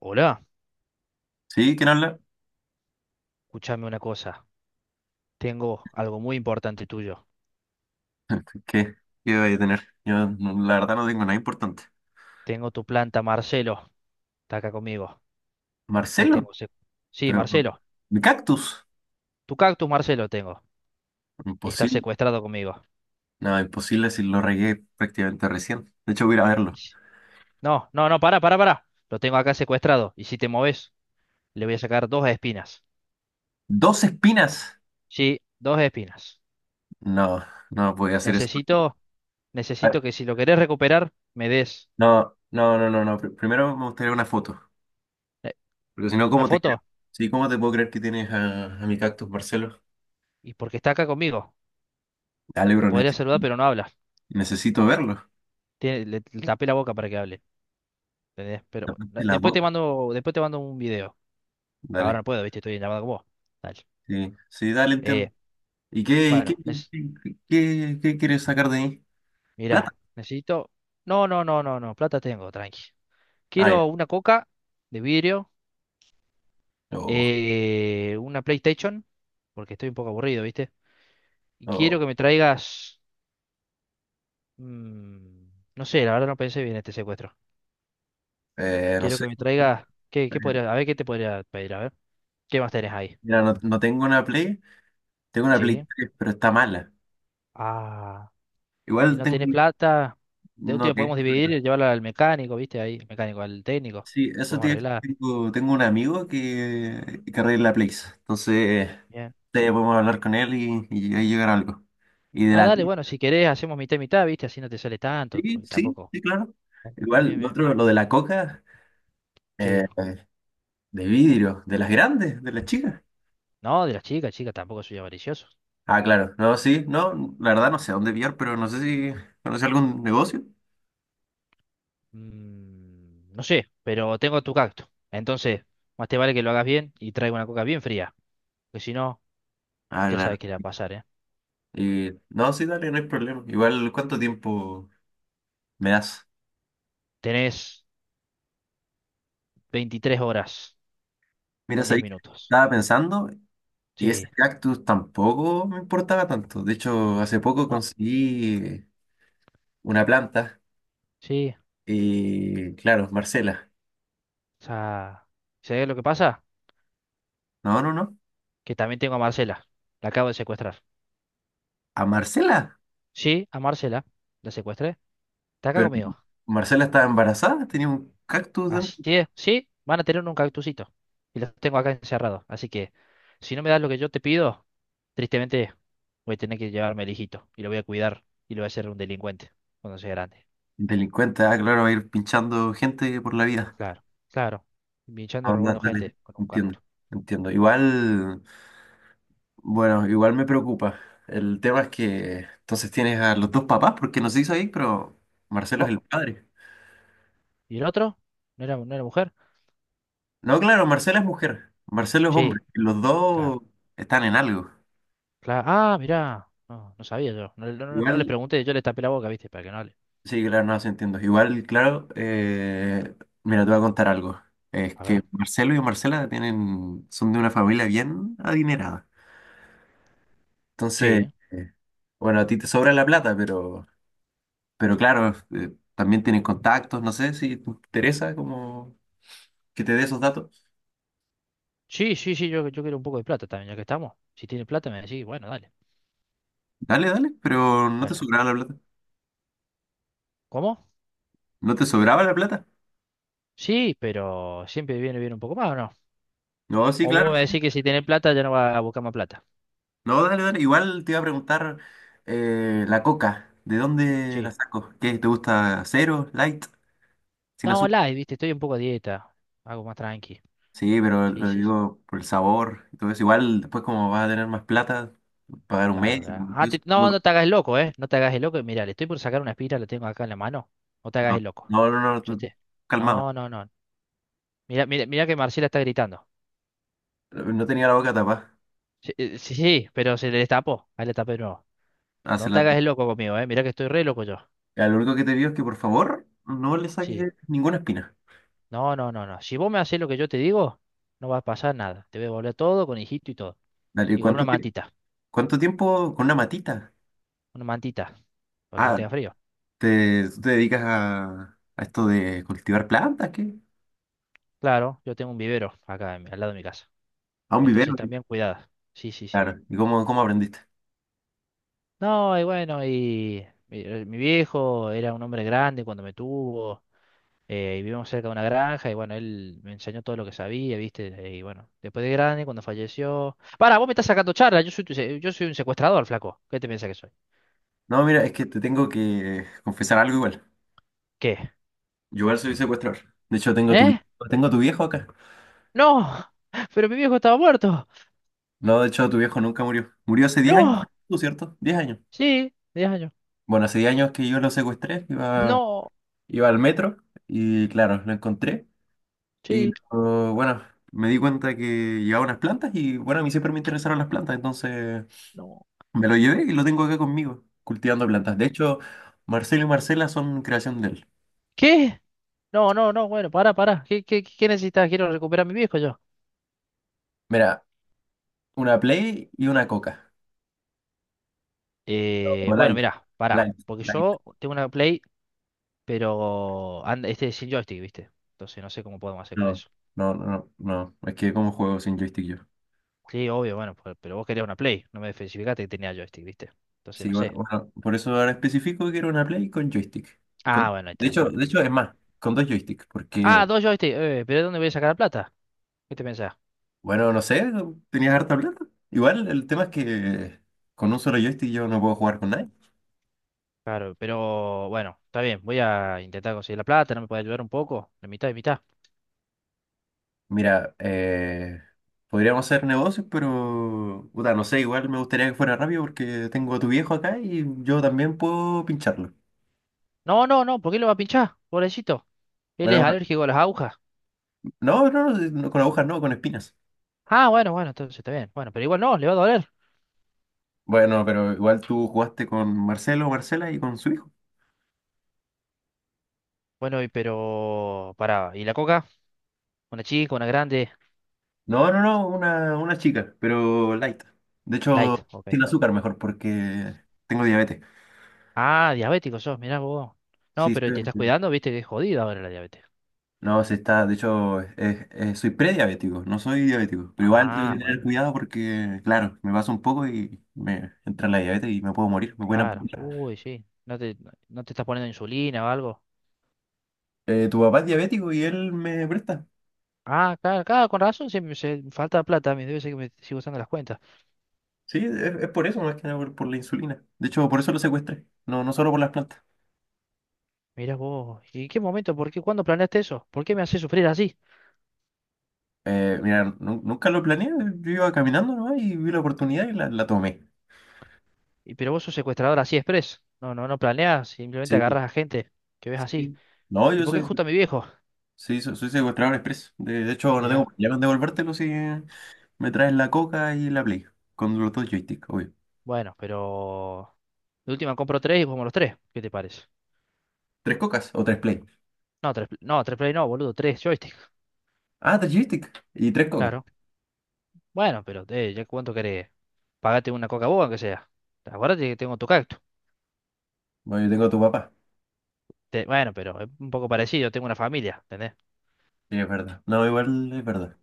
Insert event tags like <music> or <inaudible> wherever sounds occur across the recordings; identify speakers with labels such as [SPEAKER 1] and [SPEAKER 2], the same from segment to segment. [SPEAKER 1] Hola,
[SPEAKER 2] ¿Sí? ¿Quién habla?
[SPEAKER 1] escúchame una cosa. Tengo algo muy importante tuyo.
[SPEAKER 2] <laughs> ¿Qué, qué voy a tener? Yo la verdad no tengo nada importante.
[SPEAKER 1] Tengo tu planta, Marcelo. Está acá conmigo. La
[SPEAKER 2] ¿Marcelo?
[SPEAKER 1] tengo. Sí,
[SPEAKER 2] Pero...
[SPEAKER 1] Marcelo.
[SPEAKER 2] ¿Mi cactus?
[SPEAKER 1] Tu cactus, Marcelo, tengo. Y está
[SPEAKER 2] Imposible.
[SPEAKER 1] secuestrado conmigo.
[SPEAKER 2] No, imposible si lo regué prácticamente recién. De hecho, voy a ir a
[SPEAKER 1] Y
[SPEAKER 2] verlo.
[SPEAKER 1] si- No, no, no, pará, pará, pará. Lo tengo acá secuestrado. Y si te moves, le voy a sacar dos espinas.
[SPEAKER 2] ¿Dos espinas?
[SPEAKER 1] Sí, dos espinas.
[SPEAKER 2] No, no voy a hacer eso.
[SPEAKER 1] Necesito,
[SPEAKER 2] A
[SPEAKER 1] necesito
[SPEAKER 2] ver,
[SPEAKER 1] que si lo querés recuperar, me des
[SPEAKER 2] no, no, no, no, no. Primero me gustaría una foto.
[SPEAKER 1] eh,
[SPEAKER 2] Porque si no,
[SPEAKER 1] una
[SPEAKER 2] ¿cómo te creo?
[SPEAKER 1] foto.
[SPEAKER 2] Sí, ¿cómo te puedo creer que tienes a mi cactus, Marcelo?
[SPEAKER 1] Y porque está acá conmigo.
[SPEAKER 2] Dale,
[SPEAKER 1] Te
[SPEAKER 2] bro,
[SPEAKER 1] podría saludar, pero no habla.
[SPEAKER 2] necesito verlo.
[SPEAKER 1] Le tapé la boca para que hable. ¿Entendés? Pero bueno,
[SPEAKER 2] Tapaste la
[SPEAKER 1] después te
[SPEAKER 2] boca.
[SPEAKER 1] mando, después te mando un video. Ahora no
[SPEAKER 2] Dale.
[SPEAKER 1] puedo, viste, estoy en llamada con vos. Dale.
[SPEAKER 2] Sí, sí, dale, entiendo.
[SPEAKER 1] Eh,
[SPEAKER 2] Y qué,
[SPEAKER 1] bueno,
[SPEAKER 2] qué, qué quieres sacar de mí? ¿Plata?
[SPEAKER 1] mirá, necesito. No, no, no, no, no. Plata tengo, tranqui.
[SPEAKER 2] Ah, ya.
[SPEAKER 1] Quiero una coca de vidrio,
[SPEAKER 2] Oh,
[SPEAKER 1] una PlayStation, porque estoy un poco aburrido, ¿viste? Y quiero
[SPEAKER 2] oh,
[SPEAKER 1] que me traigas. mm, no sé, la verdad no pensé bien este secuestro.
[SPEAKER 2] no
[SPEAKER 1] Quiero
[SPEAKER 2] sé.
[SPEAKER 1] que me traigas. ¿Qué, qué podría, a ver qué te podría pedir, a ver. ¿Qué más tenés ahí?
[SPEAKER 2] Mira, no, no tengo una Play, tengo una Play
[SPEAKER 1] Sí.
[SPEAKER 2] 3, pero está mala.
[SPEAKER 1] Ah. Y
[SPEAKER 2] Igual
[SPEAKER 1] no tenés
[SPEAKER 2] tengo,
[SPEAKER 1] plata, de
[SPEAKER 2] no
[SPEAKER 1] último
[SPEAKER 2] tengo
[SPEAKER 1] podemos dividir
[SPEAKER 2] plata.
[SPEAKER 1] y llevarla al mecánico, ¿viste? Ahí, el mecánico, al técnico.
[SPEAKER 2] Sí, eso
[SPEAKER 1] Podemos
[SPEAKER 2] te,
[SPEAKER 1] arreglar.
[SPEAKER 2] tengo, tengo un amigo que arregla Plays. Entonces,
[SPEAKER 1] Bien.
[SPEAKER 2] te podemos hablar con él y ahí llegar a algo. Y de
[SPEAKER 1] Ah,
[SPEAKER 2] la
[SPEAKER 1] dale, bueno, si querés hacemos mitad y mitad, ¿viste? Así no te sale tanto,
[SPEAKER 2] sí,
[SPEAKER 1] porque
[SPEAKER 2] sí,
[SPEAKER 1] tampoco.
[SPEAKER 2] sí, claro.
[SPEAKER 1] Ah,
[SPEAKER 2] Igual,
[SPEAKER 1] bien,
[SPEAKER 2] lo
[SPEAKER 1] bien.
[SPEAKER 2] otro, lo de la coca, eh,
[SPEAKER 1] Sí.
[SPEAKER 2] de vidrio, de las grandes, de las chicas.
[SPEAKER 1] No, de las chicas, chicas, tampoco soy avaricioso.
[SPEAKER 2] Ah, claro. No, sí, no, la verdad no sé a dónde pillar, pero no sé si conoce algún negocio.
[SPEAKER 1] No sé, pero tengo tu cacto. Entonces, más te vale que lo hagas bien y traiga una coca bien fría. Porque si no,
[SPEAKER 2] Ah,
[SPEAKER 1] ya
[SPEAKER 2] claro.
[SPEAKER 1] sabes qué le va a pasar, ¿eh?
[SPEAKER 2] Y no, sí, dale, no hay problema. Igual, ¿cuánto tiempo me das?
[SPEAKER 1] Tenés 23 horas
[SPEAKER 2] Mira,
[SPEAKER 1] con 10
[SPEAKER 2] sabí que
[SPEAKER 1] minutos.
[SPEAKER 2] estaba pensando y
[SPEAKER 1] Sí.
[SPEAKER 2] ese cactus tampoco me importaba tanto. De hecho, hace poco
[SPEAKER 1] No,
[SPEAKER 2] conseguí una planta
[SPEAKER 1] sí.
[SPEAKER 2] y, claro, Marcela.
[SPEAKER 1] O sea, ¿sabés lo que pasa?
[SPEAKER 2] No, no, no.
[SPEAKER 1] Que también tengo a Marcela. La acabo de secuestrar.
[SPEAKER 2] ¿A Marcela?
[SPEAKER 1] Sí, a Marcela. La secuestré. Está acá
[SPEAKER 2] Pero
[SPEAKER 1] conmigo.
[SPEAKER 2] Marcela estaba embarazada, tenía un cactus dentro.
[SPEAKER 1] Así es. Sí, van a tener un cactusito. Y los tengo acá encerrados. Así que, si no me das lo que yo te pido, tristemente voy a tener que llevarme al hijito. Y lo voy a cuidar. Y lo voy a hacer un delincuente cuando sea grande.
[SPEAKER 2] Delincuente, ah, claro, va a ir pinchando gente por la vida.
[SPEAKER 1] Claro, claro. Pinchando y
[SPEAKER 2] Ah,
[SPEAKER 1] robando
[SPEAKER 2] dale,
[SPEAKER 1] gente con un
[SPEAKER 2] entiendo,
[SPEAKER 1] cactus.
[SPEAKER 2] entiendo. Igual, bueno, igual me preocupa. El tema es que entonces tienes a los dos papás, porque no se hizo ahí, pero Marcelo es
[SPEAKER 1] Co-
[SPEAKER 2] el padre.
[SPEAKER 1] ¿Y el otro? ¿No era mujer?
[SPEAKER 2] No, claro, Marcela es mujer, Marcelo es
[SPEAKER 1] Sí,
[SPEAKER 2] hombre, y los
[SPEAKER 1] claro.
[SPEAKER 2] dos están en algo.
[SPEAKER 1] Claro. Ah, mirá. No, no sabía yo. No, no, no les
[SPEAKER 2] Igual,
[SPEAKER 1] pregunté. Yo les tapé la boca, ¿viste? Para que no hable.
[SPEAKER 2] sí, claro, no, se entiendo. Igual, claro, mira, te voy a contar algo. Es
[SPEAKER 1] A
[SPEAKER 2] que
[SPEAKER 1] ver.
[SPEAKER 2] Marcelo y Marcela tienen, son de una familia bien adinerada. Entonces,
[SPEAKER 1] Sí.
[SPEAKER 2] bueno, a ti te sobra la plata, pero claro, también tienen contactos, no sé si te interesa como que te dé esos datos.
[SPEAKER 1] Sí, sí, sí, yo quiero un poco de plata también, ya que estamos. Si tiene plata me decís, bueno, dale,
[SPEAKER 2] Dale, dale, pero no te
[SPEAKER 1] dale.
[SPEAKER 2] sobraba la plata.
[SPEAKER 1] ¿Cómo?
[SPEAKER 2] ¿No te sobraba la plata?
[SPEAKER 1] Sí, pero siempre viene bien un poco más, ¿o no?
[SPEAKER 2] No, sí,
[SPEAKER 1] O vos
[SPEAKER 2] claro,
[SPEAKER 1] me
[SPEAKER 2] sí.
[SPEAKER 1] decís que si tiene plata ya no va a buscar más plata.
[SPEAKER 2] No, dale, dale. Igual te iba a preguntar la coca, ¿de dónde la
[SPEAKER 1] Sí.
[SPEAKER 2] saco? ¿Qué? ¿Te gusta cero, light, sin
[SPEAKER 1] No,
[SPEAKER 2] azúcar?
[SPEAKER 1] live, viste, estoy un poco a dieta. Algo más tranqui.
[SPEAKER 2] Sí, pero
[SPEAKER 1] Sí,
[SPEAKER 2] lo
[SPEAKER 1] sí, sí,
[SPEAKER 2] digo por el sabor y todo eso. Igual después como vas a tener más plata, pagar un
[SPEAKER 1] claro.
[SPEAKER 2] médico,
[SPEAKER 1] Ya.
[SPEAKER 2] todo
[SPEAKER 1] Ah,
[SPEAKER 2] eso.
[SPEAKER 1] no, no te hagas el loco, ¿eh? No te hagas el loco. Mira, le estoy por sacar una espira, la tengo acá en la mano. No te hagas el loco.
[SPEAKER 2] No, no, no, no,
[SPEAKER 1] ¿Escuchaste?
[SPEAKER 2] calmado.
[SPEAKER 1] No, no, no. Mira, mira, mira que Marcela está gritando.
[SPEAKER 2] No tenía la boca tapada.
[SPEAKER 1] Sí, sí, sí, pero se le destapó. Ahí le tapé de nuevo.
[SPEAKER 2] Hace
[SPEAKER 1] No te
[SPEAKER 2] la
[SPEAKER 1] hagas el loco conmigo, ¿eh? Mira que estoy re loco yo.
[SPEAKER 2] ya, lo único que te digo es que por favor no le
[SPEAKER 1] Sí.
[SPEAKER 2] saques ninguna espina.
[SPEAKER 1] No, no, no, no. Si vos me haces lo que yo te digo, no va a pasar nada. Te voy a devolver todo con hijito y todo.
[SPEAKER 2] Dale,
[SPEAKER 1] Y con una
[SPEAKER 2] ¿cuánto tiempo?
[SPEAKER 1] mantita.
[SPEAKER 2] ¿Cuánto tiempo con una matita?
[SPEAKER 1] Una mantita. Para que no
[SPEAKER 2] Ah,
[SPEAKER 1] tenga frío.
[SPEAKER 2] ¿te, tú te dedicas a esto de cultivar plantas? ¿Qué?
[SPEAKER 1] Claro, yo tengo un vivero acá al lado de mi casa.
[SPEAKER 2] A un vivero.
[SPEAKER 1] Entonces
[SPEAKER 2] ¿Qué?
[SPEAKER 1] también cuidada. Sí, sí, sí.
[SPEAKER 2] Claro. ¿Y cómo, cómo aprendiste?
[SPEAKER 1] No, y bueno, y mi viejo era un hombre grande cuando me tuvo. Y vivimos cerca de una granja. Y bueno, él me enseñó todo lo que sabía, ¿viste? Y bueno, después de grande, cuando falleció. Para, vos me estás sacando charla. Yo soy un secuestrador, flaco. ¿Qué te piensas que soy?
[SPEAKER 2] No, mira, es que te tengo que confesar algo igual.
[SPEAKER 1] ¿Qué?
[SPEAKER 2] Yo igual soy secuestrador. De hecho, tengo tu,
[SPEAKER 1] ¿Eh?
[SPEAKER 2] tengo tu viejo acá.
[SPEAKER 1] No, pero mi viejo estaba muerto.
[SPEAKER 2] No, de hecho, tu viejo nunca murió. Murió hace 10 años,
[SPEAKER 1] No,
[SPEAKER 2] ¿tú cierto? 10 años.
[SPEAKER 1] sí, 10 años.
[SPEAKER 2] Bueno, hace 10 años que yo lo secuestré, iba,
[SPEAKER 1] No,
[SPEAKER 2] iba al metro y claro, lo encontré. Y
[SPEAKER 1] sí,
[SPEAKER 2] oh, bueno, me di cuenta que llevaba unas plantas y bueno, a mí siempre me interesaron las plantas, entonces
[SPEAKER 1] no,
[SPEAKER 2] me lo llevé y lo tengo acá conmigo, cultivando
[SPEAKER 1] no.
[SPEAKER 2] plantas. De hecho, Marcelo y Marcela son creación de él.
[SPEAKER 1] ¿Qué? No, no, no, bueno, pará, pará. ¿Qué, qué, qué necesitas? Quiero recuperar a mi viejo yo.
[SPEAKER 2] Mira, una Play y una Coca. O
[SPEAKER 1] Bueno,
[SPEAKER 2] Light,
[SPEAKER 1] mirá, pará.
[SPEAKER 2] Light,
[SPEAKER 1] Porque
[SPEAKER 2] Light.
[SPEAKER 1] yo tengo una Play, pero anda, este es sin joystick, ¿viste? Entonces no sé cómo podemos hacer con
[SPEAKER 2] No,
[SPEAKER 1] eso.
[SPEAKER 2] no, no, no. Es que como juego sin joystick yo.
[SPEAKER 1] Sí, obvio, bueno, pero vos querías una Play. No me especificaste que tenía joystick, ¿viste? Entonces
[SPEAKER 2] Sí,
[SPEAKER 1] no
[SPEAKER 2] bueno,
[SPEAKER 1] sé.
[SPEAKER 2] bueno, por eso ahora especifico que era una Play con joystick. Con-
[SPEAKER 1] Ah, bueno, ahí está, bueno.
[SPEAKER 2] de hecho, es más, con dos joysticks, porque
[SPEAKER 1] Ah, dos joysticks. Pero ¿de dónde voy a sacar la plata? ¿Qué te pensás?
[SPEAKER 2] bueno, no sé, tenías harta plata. Igual, el tema es que con un solo joystick yo no puedo jugar con nadie.
[SPEAKER 1] Claro, pero bueno, está bien, voy a intentar conseguir la plata, ¿no me puede ayudar un poco? La mitad y mitad.
[SPEAKER 2] Mira, podríamos hacer negocios, pero puta, no sé, igual me gustaría que fuera rápido porque tengo a tu viejo acá y yo también puedo pincharlo.
[SPEAKER 1] No, no, no, ¿por qué lo va a pinchar? Pobrecito, él es
[SPEAKER 2] Bueno,
[SPEAKER 1] alérgico a las agujas.
[SPEAKER 2] no, no, no, no, con agujas no, con espinas.
[SPEAKER 1] Ah, bueno, bueno, entonces está bien. Bueno, pero igual no, le va a doler.
[SPEAKER 2] Bueno, pero igual tú jugaste con Marcelo, Marcela y con su hijo.
[SPEAKER 1] Bueno, y pero... Pará, ¿y la coca? Una chica, una grande,
[SPEAKER 2] No, no, no, una chica, pero light. De hecho,
[SPEAKER 1] light, ok.
[SPEAKER 2] sin azúcar mejor porque tengo diabetes.
[SPEAKER 1] Ah, diabético sos, mirá vos. No,
[SPEAKER 2] Sí, sí.
[SPEAKER 1] pero te estás cuidando, viste que es jodido ahora la diabetes.
[SPEAKER 2] No, se está, de hecho, soy prediabético, no soy diabético, pero igual tengo
[SPEAKER 1] Ah,
[SPEAKER 2] que
[SPEAKER 1] bueno,
[SPEAKER 2] tener cuidado porque, claro, me pasa un poco y me entra la diabetes y me puedo morir, me pueden
[SPEAKER 1] claro.
[SPEAKER 2] amputar.
[SPEAKER 1] Uy, sí, no te estás poniendo insulina o algo.
[SPEAKER 2] Tu papá es diabético y él me presta.
[SPEAKER 1] Ah, claro, claro, con razón, siempre se, me falta plata, a mí debe ser que me sigo usando las cuentas.
[SPEAKER 2] Sí, es por eso, más que nada por, por la insulina. De hecho, por eso lo secuestré, no, no solo por las plantas.
[SPEAKER 1] Mirá vos, ¿y qué momento? ¿Por qué? ¿Cuándo planeaste eso? ¿Por qué me haces sufrir así?
[SPEAKER 2] Mira, nunca lo planeé, yo iba caminando, ¿no? Y vi la oportunidad y la tomé.
[SPEAKER 1] Y pero vos sos secuestrador así express. No, no, no planeas, simplemente
[SPEAKER 2] Sí,
[SPEAKER 1] agarras a gente que ves así.
[SPEAKER 2] sí. No,
[SPEAKER 1] ¿Y
[SPEAKER 2] yo
[SPEAKER 1] por qué
[SPEAKER 2] soy
[SPEAKER 1] justo a mi viejo?
[SPEAKER 2] sí, soy secuestrador expreso. De hecho, no tengo
[SPEAKER 1] Mirá,
[SPEAKER 2] problema en devolvértelo si me traes la coca y la play. Con los dos joysticks, obvio.
[SPEAKER 1] bueno, pero de última compro tres y jugamos los tres. ¿Qué te parece?
[SPEAKER 2] ¿Tres cocas o tres play?
[SPEAKER 1] No, tres, no, tres play no, boludo, tres joystick.
[SPEAKER 2] Ah, tres joysticks y tres cocas.
[SPEAKER 1] Claro. Bueno, pero ya cuánto querés. Pagate una Coca-Cola, que sea. Acuérdate que tengo tu cactus.
[SPEAKER 2] Bueno, yo tengo a tu papá.
[SPEAKER 1] Bueno, pero es un poco parecido, tengo una familia, ¿entendés?
[SPEAKER 2] Sí, es verdad. No, igual es verdad.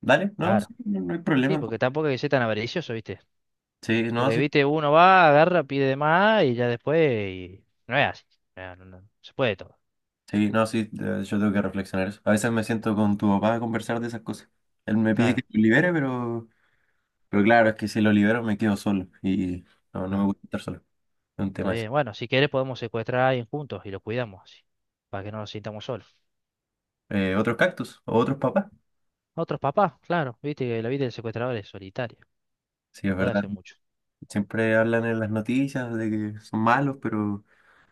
[SPEAKER 2] Dale, no,
[SPEAKER 1] Claro.
[SPEAKER 2] sí, no, no hay
[SPEAKER 1] Sí,
[SPEAKER 2] problema.
[SPEAKER 1] porque tampoco hay que ser tan avaricioso, ¿viste?
[SPEAKER 2] Sí, no,
[SPEAKER 1] Porque,
[SPEAKER 2] sí.
[SPEAKER 1] viste, uno va, agarra, pide de más y ya después y no es así. No, no, no, se puede todo.
[SPEAKER 2] Sí, no, sí. de- Yo tengo que reflexionar eso. A veces me siento con tu papá a conversar de esas cosas. Él me pide que
[SPEAKER 1] Claro,
[SPEAKER 2] lo libere, pero claro, es que si lo libero me quedo solo. Y no, no me
[SPEAKER 1] claro.
[SPEAKER 2] gusta estar solo. Es un
[SPEAKER 1] Está
[SPEAKER 2] tema eso.
[SPEAKER 1] bien. Bueno, si quieres podemos secuestrar a alguien juntos y lo cuidamos así, para que no nos sintamos solos.
[SPEAKER 2] ¿Otros cactus? ¿O otros papás?
[SPEAKER 1] Otros papás, claro. Viste que la vida del secuestrador es solitaria.
[SPEAKER 2] Sí,
[SPEAKER 1] No
[SPEAKER 2] es
[SPEAKER 1] puede
[SPEAKER 2] verdad.
[SPEAKER 1] hacer mucho.
[SPEAKER 2] Siempre hablan en las noticias de que son malos, pero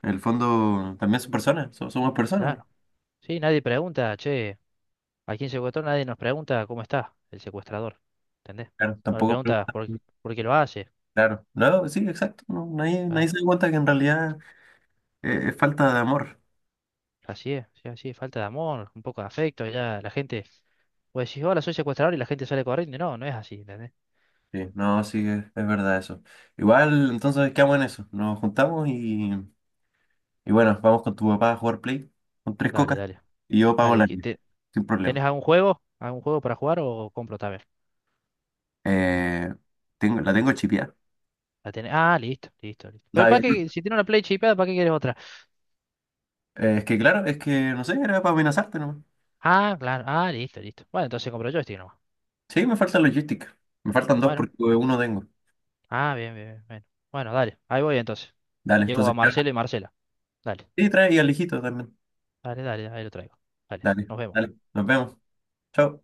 [SPEAKER 2] en el fondo también son personas, somos personas.
[SPEAKER 1] Claro. Sí, nadie pregunta, che, ¿a quién secuestró? Nadie nos pregunta cómo está el secuestrador. ¿Entendés?
[SPEAKER 2] Claro,
[SPEAKER 1] No le
[SPEAKER 2] tampoco
[SPEAKER 1] preguntas
[SPEAKER 2] preguntan.
[SPEAKER 1] por qué lo hace.
[SPEAKER 2] Claro, no, sí, exacto. No, nadie, nadie
[SPEAKER 1] Claro.
[SPEAKER 2] se da cuenta que en realidad es falta de amor.
[SPEAKER 1] Así es, sí, así es. Falta de amor, un poco de afecto. Ya la gente pues decís, hola, soy secuestrador y la gente sale corriendo. No, no es así, ¿entendés?
[SPEAKER 2] Sí, no, sí, es verdad eso. Igual, entonces quedamos en eso. Nos juntamos y bueno, vamos con tu papá a jugar Play con tres
[SPEAKER 1] Dale,
[SPEAKER 2] cocas
[SPEAKER 1] dale.
[SPEAKER 2] y yo pago
[SPEAKER 1] Dale,
[SPEAKER 2] la
[SPEAKER 1] que
[SPEAKER 2] mía, sin problema.
[SPEAKER 1] ¿tenés algún juego? ¿Algún juego para jugar o compro también?
[SPEAKER 2] Eh, tengo, la tengo chipeada.
[SPEAKER 1] Ah, listo, listo, listo. Pero
[SPEAKER 2] La-
[SPEAKER 1] para
[SPEAKER 2] eh,
[SPEAKER 1] qué, si tiene una Play chipeada, ¿para qué quieres otra?
[SPEAKER 2] es que claro, es que no sé, era para amenazarte, no.
[SPEAKER 1] Ah, claro, ah, listo, listo. Bueno, entonces compro joystick nomás.
[SPEAKER 2] Sí, me falta logística. Me faltan dos
[SPEAKER 1] Bueno,
[SPEAKER 2] porque uno tengo.
[SPEAKER 1] ah, bien, bien, bien. Bueno, Bueno, dale, ahí voy entonces.
[SPEAKER 2] Dale,
[SPEAKER 1] Llego a
[SPEAKER 2] entonces, claro.
[SPEAKER 1] Marcelo y Marcela. Dale,
[SPEAKER 2] Sí, trae y al hijito también.
[SPEAKER 1] dale, dale, ahí lo traigo. Dale,
[SPEAKER 2] Dale,
[SPEAKER 1] nos
[SPEAKER 2] dale.
[SPEAKER 1] vemos.
[SPEAKER 2] Nos vemos. Chao.